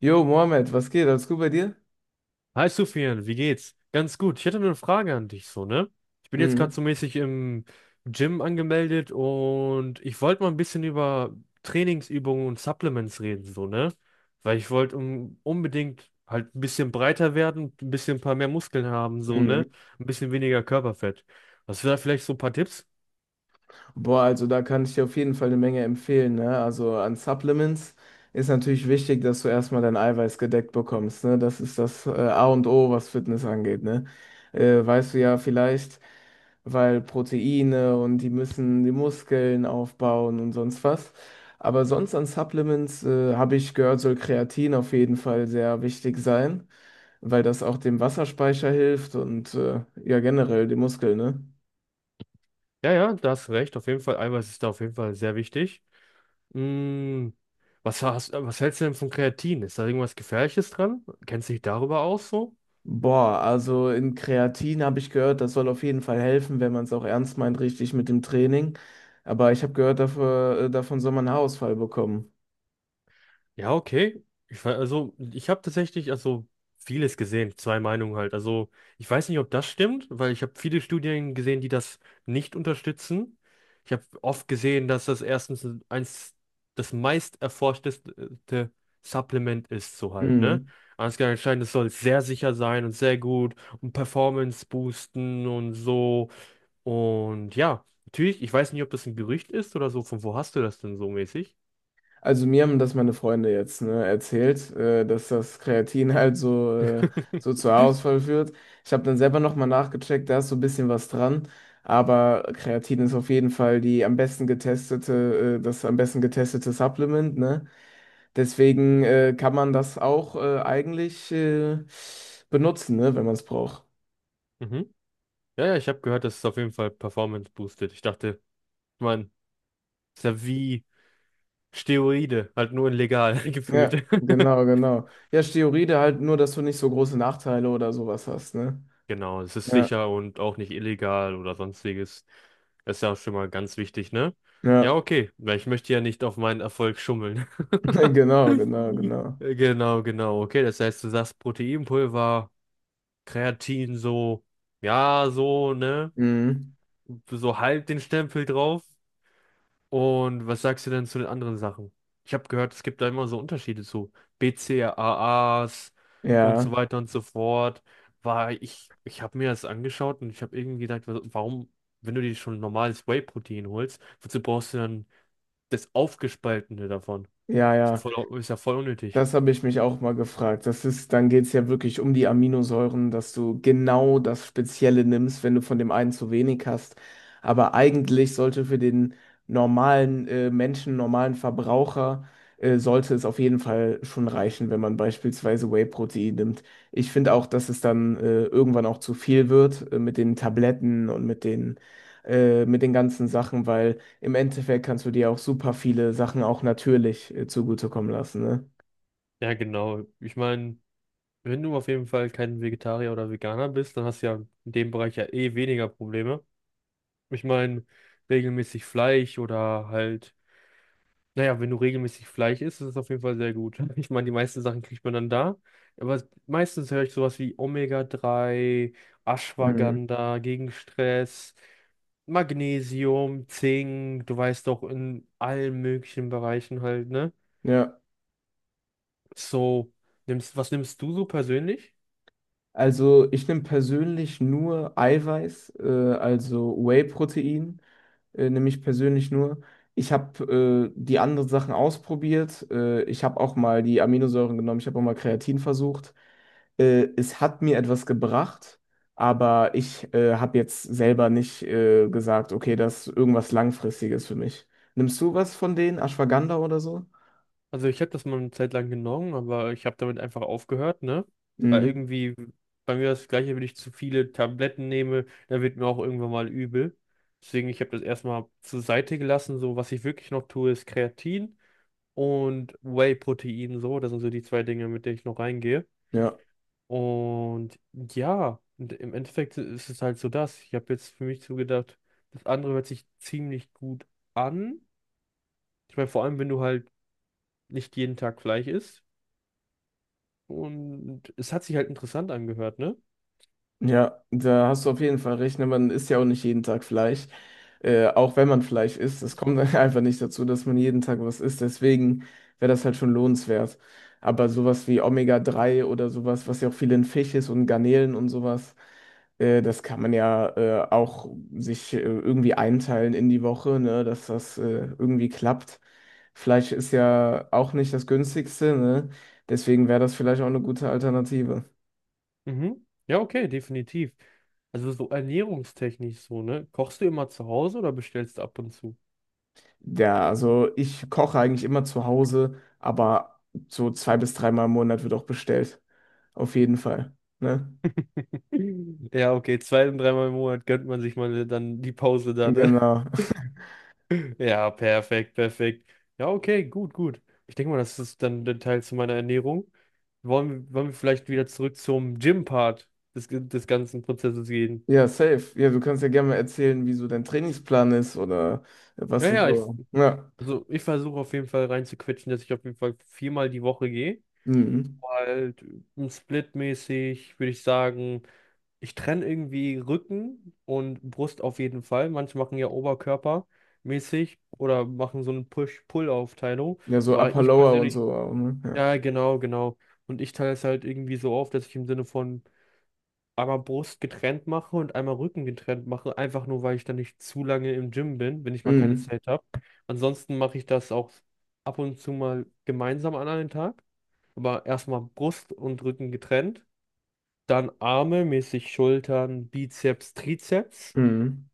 Jo, Mohammed, was geht? Alles gut bei dir? Hi Sufian, wie geht's? Ganz gut. Ich hätte nur eine Frage an dich, so, ne? Ich bin jetzt gerade Mhm. so mäßig im Gym angemeldet und ich wollte mal ein bisschen über Trainingsübungen und Supplements reden, so, ne? Weil ich wollte un unbedingt halt ein bisschen breiter werden, ein bisschen ein paar mehr Muskeln haben, so, ne? Mhm. Ein bisschen weniger Körperfett. Hast du da vielleicht so ein paar Tipps? Boah, also da kann ich dir auf jeden Fall eine Menge empfehlen, ne? Also an Supplements ist natürlich wichtig, dass du erstmal dein Eiweiß gedeckt bekommst, ne? Das ist das A und O, was Fitness angeht, ne? Weißt du ja vielleicht, weil Proteine und die müssen die Muskeln aufbauen und sonst was. Aber sonst an Supplements habe ich gehört, soll Kreatin auf jeden Fall sehr wichtig sein. Weil das auch dem Wasserspeicher hilft und ja generell die Muskeln, ne? Ja, ja, da hast du recht. Auf jeden Fall, Eiweiß ist da auf jeden Fall sehr wichtig. Mm, was hältst du denn von Kreatin? Ist da irgendwas Gefährliches dran? Kennst du dich darüber aus so? Boah, also in Kreatin habe ich gehört, das soll auf jeden Fall helfen, wenn man es auch ernst meint, richtig mit dem Training. Aber ich habe gehört, dafür, davon soll man einen Haarausfall bekommen. Ja, okay. Also, ich habe tatsächlich also vieles gesehen, zwei Meinungen halt. Also, ich weiß nicht, ob das stimmt, weil ich habe viele Studien gesehen, die das nicht unterstützen. Ich habe oft gesehen, dass das erstens eins das meist erforschteste Supplement ist, so halt, ne? Mhm. Ansgar anscheinend, es soll sehr sicher sein und sehr gut und Performance boosten und so. Und ja, natürlich, ich weiß nicht, ob das ein Gerücht ist oder so. Von wo hast du das denn so mäßig? Also mir haben das meine Freunde jetzt, ne, erzählt, dass das Kreatin halt so, so zu Haarausfall führt. Ich habe dann selber nochmal nachgecheckt, da ist so ein bisschen was dran. Aber Kreatin ist auf jeden Fall die am besten getestete, das am besten getestete Supplement, ne? Deswegen kann man das auch eigentlich benutzen, ne, wenn man es braucht. Mhm. Ja, ja, ich habe gehört, das ist auf jeden Fall Performance boostet. Ich dachte, man, ist ja wie Steroide, halt nur in legal gefühlt. Ja, genau, genau. Ja, Steroide halt nur, dass du nicht so große Nachteile oder sowas hast, ne? Genau, es ist Ja, sicher und auch nicht illegal oder sonstiges. Das ist ja auch schon mal ganz wichtig, ne? Ja, ja, okay, weil ich möchte ja nicht auf meinen Erfolg schummeln. genau, genau, genau. Genau, genau, okay. Das heißt, du sagst Proteinpulver, Kreatin so, ja, so, ne? Mhm. So halb den Stempel drauf. Und was sagst du denn zu den anderen Sachen? Ich habe gehört, es gibt da immer so Unterschiede zu BCAAs und so Ja, weiter und so fort. Ich habe mir das angeschaut und ich habe irgendwie gedacht, warum, wenn du dir schon normales Whey-Protein holst, wozu brauchst du dann das Aufgespaltene davon? ja, ja. Ist ja voll unnötig. Das habe ich mich auch mal gefragt. Das ist, dann geht es ja wirklich um die Aminosäuren, dass du genau das Spezielle nimmst, wenn du von dem einen zu wenig hast. Aber eigentlich sollte für den normalen Menschen, normalen Verbraucher, sollte es auf jeden Fall schon reichen, wenn man beispielsweise Whey-Protein nimmt. Ich finde auch, dass es dann irgendwann auch zu viel wird mit den Tabletten und mit mit den ganzen Sachen, weil im Endeffekt kannst du dir auch super viele Sachen auch natürlich zugutekommen lassen, ne? Ja, genau. Ich meine, wenn du auf jeden Fall kein Vegetarier oder Veganer bist, dann hast du ja in dem Bereich ja eh weniger Probleme. Ich meine, regelmäßig Fleisch oder halt. Naja, wenn du regelmäßig Fleisch isst, ist es auf jeden Fall sehr gut. Ich meine, die meisten Sachen kriegt man dann da. Aber es- meistens höre ich sowas wie Omega-3, Mhm. Ashwagandha gegen Stress, Magnesium, Zink, du weißt doch, in allen möglichen Bereichen halt, ne? Ja, So, was nimmst du so persönlich? also ich nehme persönlich nur Eiweiß, also Whey-Protein, nehme ich persönlich nur. Ich habe die anderen Sachen ausprobiert. Ich habe auch mal die Aminosäuren genommen, ich habe auch mal Kreatin versucht. Es hat mir etwas gebracht, aber ich habe jetzt selber nicht gesagt, okay, das ist irgendwas Langfristiges für mich. Nimmst du was von denen? Ashwagandha oder so? Also ich habe das mal eine Zeit lang genommen, aber ich habe damit einfach aufgehört, ne? Weil Mhm. irgendwie bei mir das Gleiche, wenn ich zu viele Tabletten nehme, dann wird mir auch irgendwann mal übel. Deswegen, ich habe das erstmal zur Seite gelassen. So, was ich wirklich noch tue, ist Kreatin und Whey-Protein, so. Das sind so die zwei Dinge, mit denen ich noch reingehe. Und ja, und im Endeffekt ist es halt so das. Ich habe jetzt für mich zugedacht, das andere hört sich ziemlich gut an. Ich meine, vor allem, wenn du halt nicht jeden Tag Fleisch isst. Und es hat sich halt interessant angehört, ne? Ja, da hast du auf jeden Fall recht. Ne? Man isst ja auch nicht jeden Tag Fleisch. Auch wenn man Fleisch isst, es kommt einfach nicht dazu, dass man jeden Tag was isst. Deswegen wäre das halt schon lohnenswert. Aber sowas wie Omega-3 oder sowas, was ja auch viel in Fisch ist und Garnelen und sowas, das kann man ja auch sich irgendwie einteilen in die Woche, ne, dass das irgendwie klappt. Fleisch ist ja auch nicht das günstigste, ne? Deswegen wäre das vielleicht auch eine gute Alternative. Mhm. Ja, okay, definitiv. Also so ernährungstechnisch so, ne? Kochst du immer zu Hause oder bestellst du ab und zu? Ja, also ich koche eigentlich immer zu Hause, aber so zwei bis dreimal im Monat wird auch bestellt. Auf jeden Fall. Ne? Ja, okay, zwei- und dreimal im Monat gönnt man sich mal dann die Pause da, ne? Genau. Ja, perfekt, perfekt. Ja, okay, gut, gut. Ich denke mal, das ist dann der Teil zu meiner Ernährung. Wollen wir vielleicht wieder zurück zum Gym-Part des ganzen Prozesses gehen? Ja, safe. Ja, du kannst ja gerne mal erzählen, wie so dein Trainingsplan ist oder was Ja, du ja, so. Ja. also ich versuche auf jeden Fall reinzuquetschen, dass ich auf jeden Fall viermal die Woche gehe. Mhm. Halt splitmäßig, würde ich sagen, ich trenne irgendwie Rücken und Brust auf jeden Fall. Manche machen ja Oberkörpermäßig oder machen so eine Push-Pull-Aufteilung, Ja, so weil Upper ich Lower und persönlich, so auch, ne? Ja. ja, genau, genau. Und ich teile es halt irgendwie so auf, dass ich im Sinne von einmal Brust getrennt mache und einmal Rücken getrennt mache, einfach nur, weil ich dann nicht zu lange im Gym bin, wenn ich mal keine Mhm. Zeit habe. Ansonsten mache ich das auch ab und zu mal gemeinsam an einem Tag, aber erstmal Brust und Rücken getrennt. Dann Arme, mäßig Schultern, Bizeps, Trizeps. Mhm.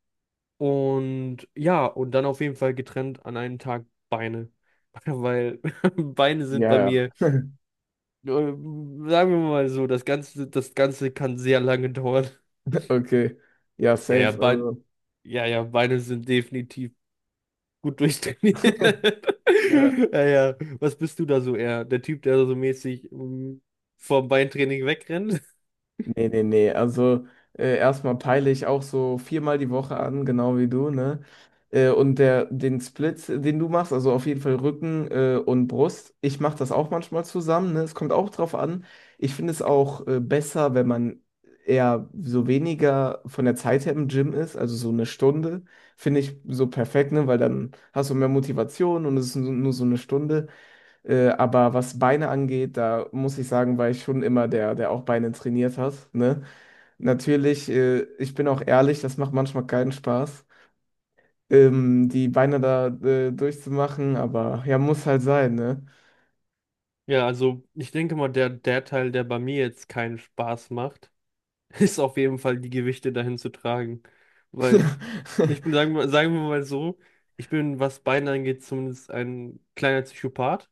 Und ja, und dann auf jeden Fall getrennt an einem Tag Beine. Weil Beine sind Ja, bei ja. mir, sagen wir mal so, das Ganze kann sehr lange dauern. Okay. Ja, Ja, ja, safe. Bein, Also, ja, ja, Beine sind definitiv gut durchtrainiert. ja. Ja, ja. Was bist du da so eher? Der Typ, der so mäßig vom Beintraining wegrennt? Nee, nee, nee. Also erstmal peile ich auch so viermal die Woche an, genau wie du, ne? Und der, den Split, den du machst, also auf jeden Fall Rücken und Brust, ich mache das auch manchmal zusammen, ne? Es kommt auch drauf an. Ich finde es auch besser, wenn man eher so weniger von der Zeit her im Gym ist, also so eine Stunde, finde ich so perfekt, ne? Weil dann hast du mehr Motivation und es ist nur so eine Stunde. Aber was Beine angeht, da muss ich sagen, war ich schon immer der, der auch Beine trainiert hat. Ne? Natürlich, ich bin auch ehrlich, das macht manchmal keinen Spaß, die Beine da durchzumachen, aber ja, muss halt sein, ne? Ja, also ich denke mal, der, der Teil, der bei mir jetzt keinen Spaß macht, ist auf jeden Fall die Gewichte dahin zu tragen. Weil ich bin, sagen wir mal so, ich bin, was Beine angeht, zumindest ein kleiner Psychopath.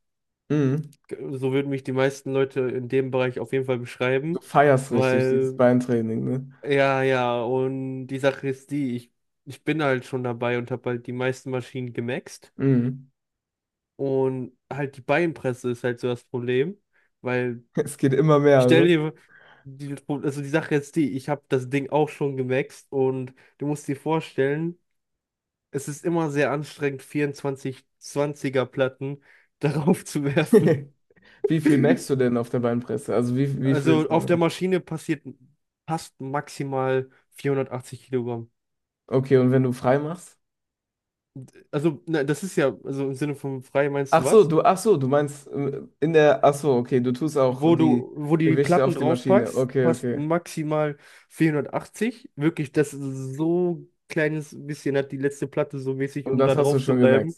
Mhm. So würden mich die meisten Leute in dem Bereich auf jeden Fall Du beschreiben, feierst richtig dieses weil, Beintraining, ne? ja, ja, und die Sache ist die, ich bin halt schon dabei und habe halt die meisten Maschinen gemaxt Mhm. und halt die Beinpresse ist halt so das Problem, weil, Es geht immer ich mehr, stell ne? dir, also die Sache ist die, ich habe das Ding auch schon gemaxt und du musst dir vorstellen, es ist immer sehr anstrengend, 24-20er Platten darauf zu werfen. Wie viel merkst du denn auf der Beinpresse? Also wie viel Also ist der auf der Max? Maschine passiert passt maximal 480 Kilogramm. Okay, und wenn du frei machst? Also ne, das ist ja, also im Sinne von frei meinst du was? Ach so, du meinst in der, ach so, okay, du tust auch Wo die du, wo du die Gewichte Platten auf die Maschine. draufpackst, Okay, passt okay. maximal 480. Wirklich, das ist so kleines bisschen hat die letzte Platte so mäßig, Und um da das hast du drauf zu schon gemerkt. bleiben.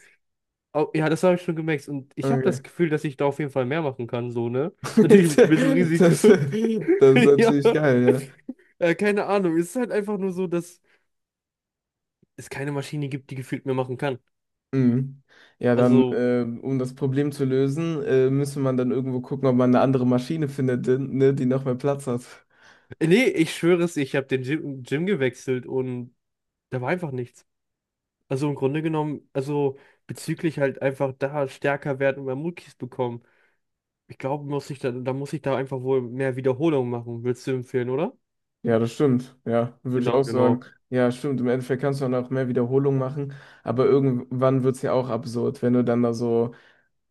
Au- ja, das habe ich schon gemerkt. Und ich habe Okay. das Gefühl, dass ich da auf jeden Fall mehr machen kann, so, ne? Natürlich mit ein bisschen Risiko. das ist Ja. natürlich geil, Keine Ahnung. Es ist halt einfach nur so, dass es keine Maschine gibt, die gefühlt mehr machen kann. ja. Mhm. Ja, dann, Also, um das Problem zu lösen, müsste man dann irgendwo gucken, ob man eine andere Maschine findet, ne, die noch mehr Platz hat. Nee, ich schwöre es, ich habe den Gym gewechselt und da war einfach nichts. Also im Grunde genommen, also bezüglich halt einfach da stärker werden und mehr Muckis bekommen. Ich glaube, muss ich da muss ich da einfach wohl mehr Wiederholungen machen. Willst du empfehlen, oder? Ja, das stimmt. Ja, würde ich Genau, auch sagen. genau. Ja, stimmt. Im Endeffekt kannst du dann auch mehr Wiederholungen machen, aber irgendwann wird es ja auch absurd, wenn du dann da so.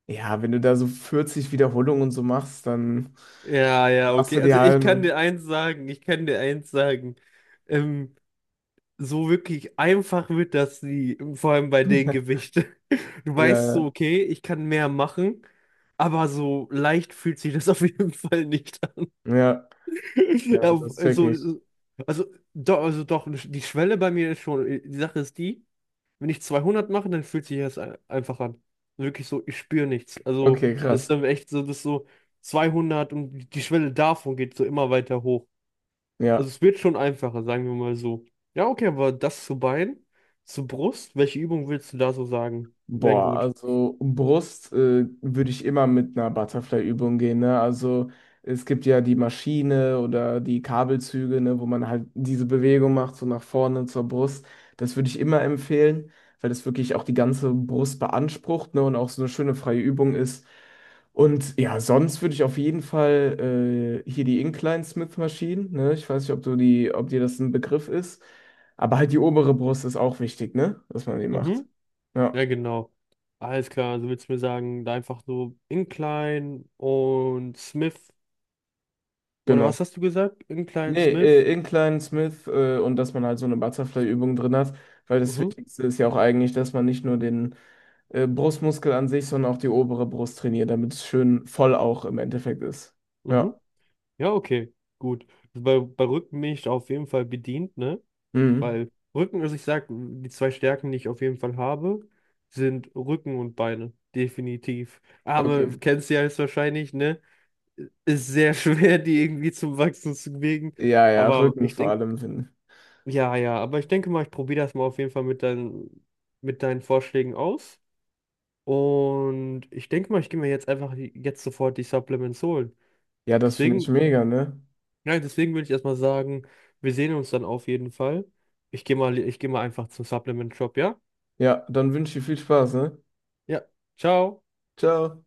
Ja, wenn du da so 40 Wiederholungen und so machst, dann Ja, ja, machst du okay. die Also ich kann halbe. dir eins sagen, ich kann dir eins sagen. Ähm, so wirklich einfach wird das nie, vor allem bei den Gewichten. Du weißt Ja, so, okay, ich kann mehr machen, aber so leicht fühlt sich das auf jeden Fall nicht an. ja, Ja, ja, das check also, ich. also, doch, also doch, die Schwelle bei mir ist schon, die Sache ist die, wenn ich 200 mache, dann fühlt sich das einfach an. Wirklich so, ich spüre nichts. Also, Okay, das ist krass. dann echt so, das ist so 200 und die Schwelle davon geht so immer weiter hoch. Also Ja. es wird schon einfacher, sagen wir mal so. Ja, okay, aber zu Brust, welche Übung willst du da so sagen? Wären Boah, gut. also Brust würde ich immer mit einer Butterfly-Übung gehen, ne? Also es gibt ja die Maschine oder die Kabelzüge, ne, wo man halt diese Bewegung macht, so nach vorne zur Brust. Das würde ich immer empfehlen, weil das wirklich auch die ganze Brust beansprucht, ne, und auch so eine schöne freie Übung ist. Und ja, sonst würde ich auf jeden Fall hier die Incline-Smith-Maschinen, ne? Ich weiß nicht, ob du die, ob dir das ein Begriff ist, aber halt die obere Brust ist auch wichtig, ne? Dass man die macht. Mhm. Ja. Ja, genau. Alles klar, also willst du mir sagen, da einfach so Incline und Smith. Oder Genau. was hast du gesagt? Incline, Nee, Smith. Incline, Smith und dass man halt so eine Butterfly-Übung drin hat, weil das Mhm. Wichtigste ist ja auch eigentlich, dass man nicht nur den Brustmuskel an sich, sondern auch die obere Brust trainiert, damit es schön voll auch im Endeffekt ist. Ja. Mhm. Ja, okay. Gut. Also bei, bei Rücken bin ich auf jeden Fall bedient, ne? Mhm. Weil Rücken, also ich sag, die zwei Stärken, die ich auf jeden Fall habe, sind Rücken und Beine. Definitiv. Okay. Arme, kennst du ja jetzt wahrscheinlich, ne? Ist sehr schwer, die irgendwie zum Wachsen zu bewegen. Ja, ja, Aber Rücken ich vor denke, allem finde ich. ja, ja, aber ich denke mal, ich probiere das mal auf jeden Fall mit deinen Vorschlägen aus. Und ich denke mal, ich gehe mir jetzt einfach jetzt sofort die Supplements holen. Ja, das finde ich Deswegen, mega, ne? ja, deswegen würde ich erstmal sagen, wir sehen uns dann auf jeden Fall. Ich gehe mal einfach zum Supplement Shop, ja? Ja, dann wünsche ich viel Spaß, ne? Ja, ciao. Ciao.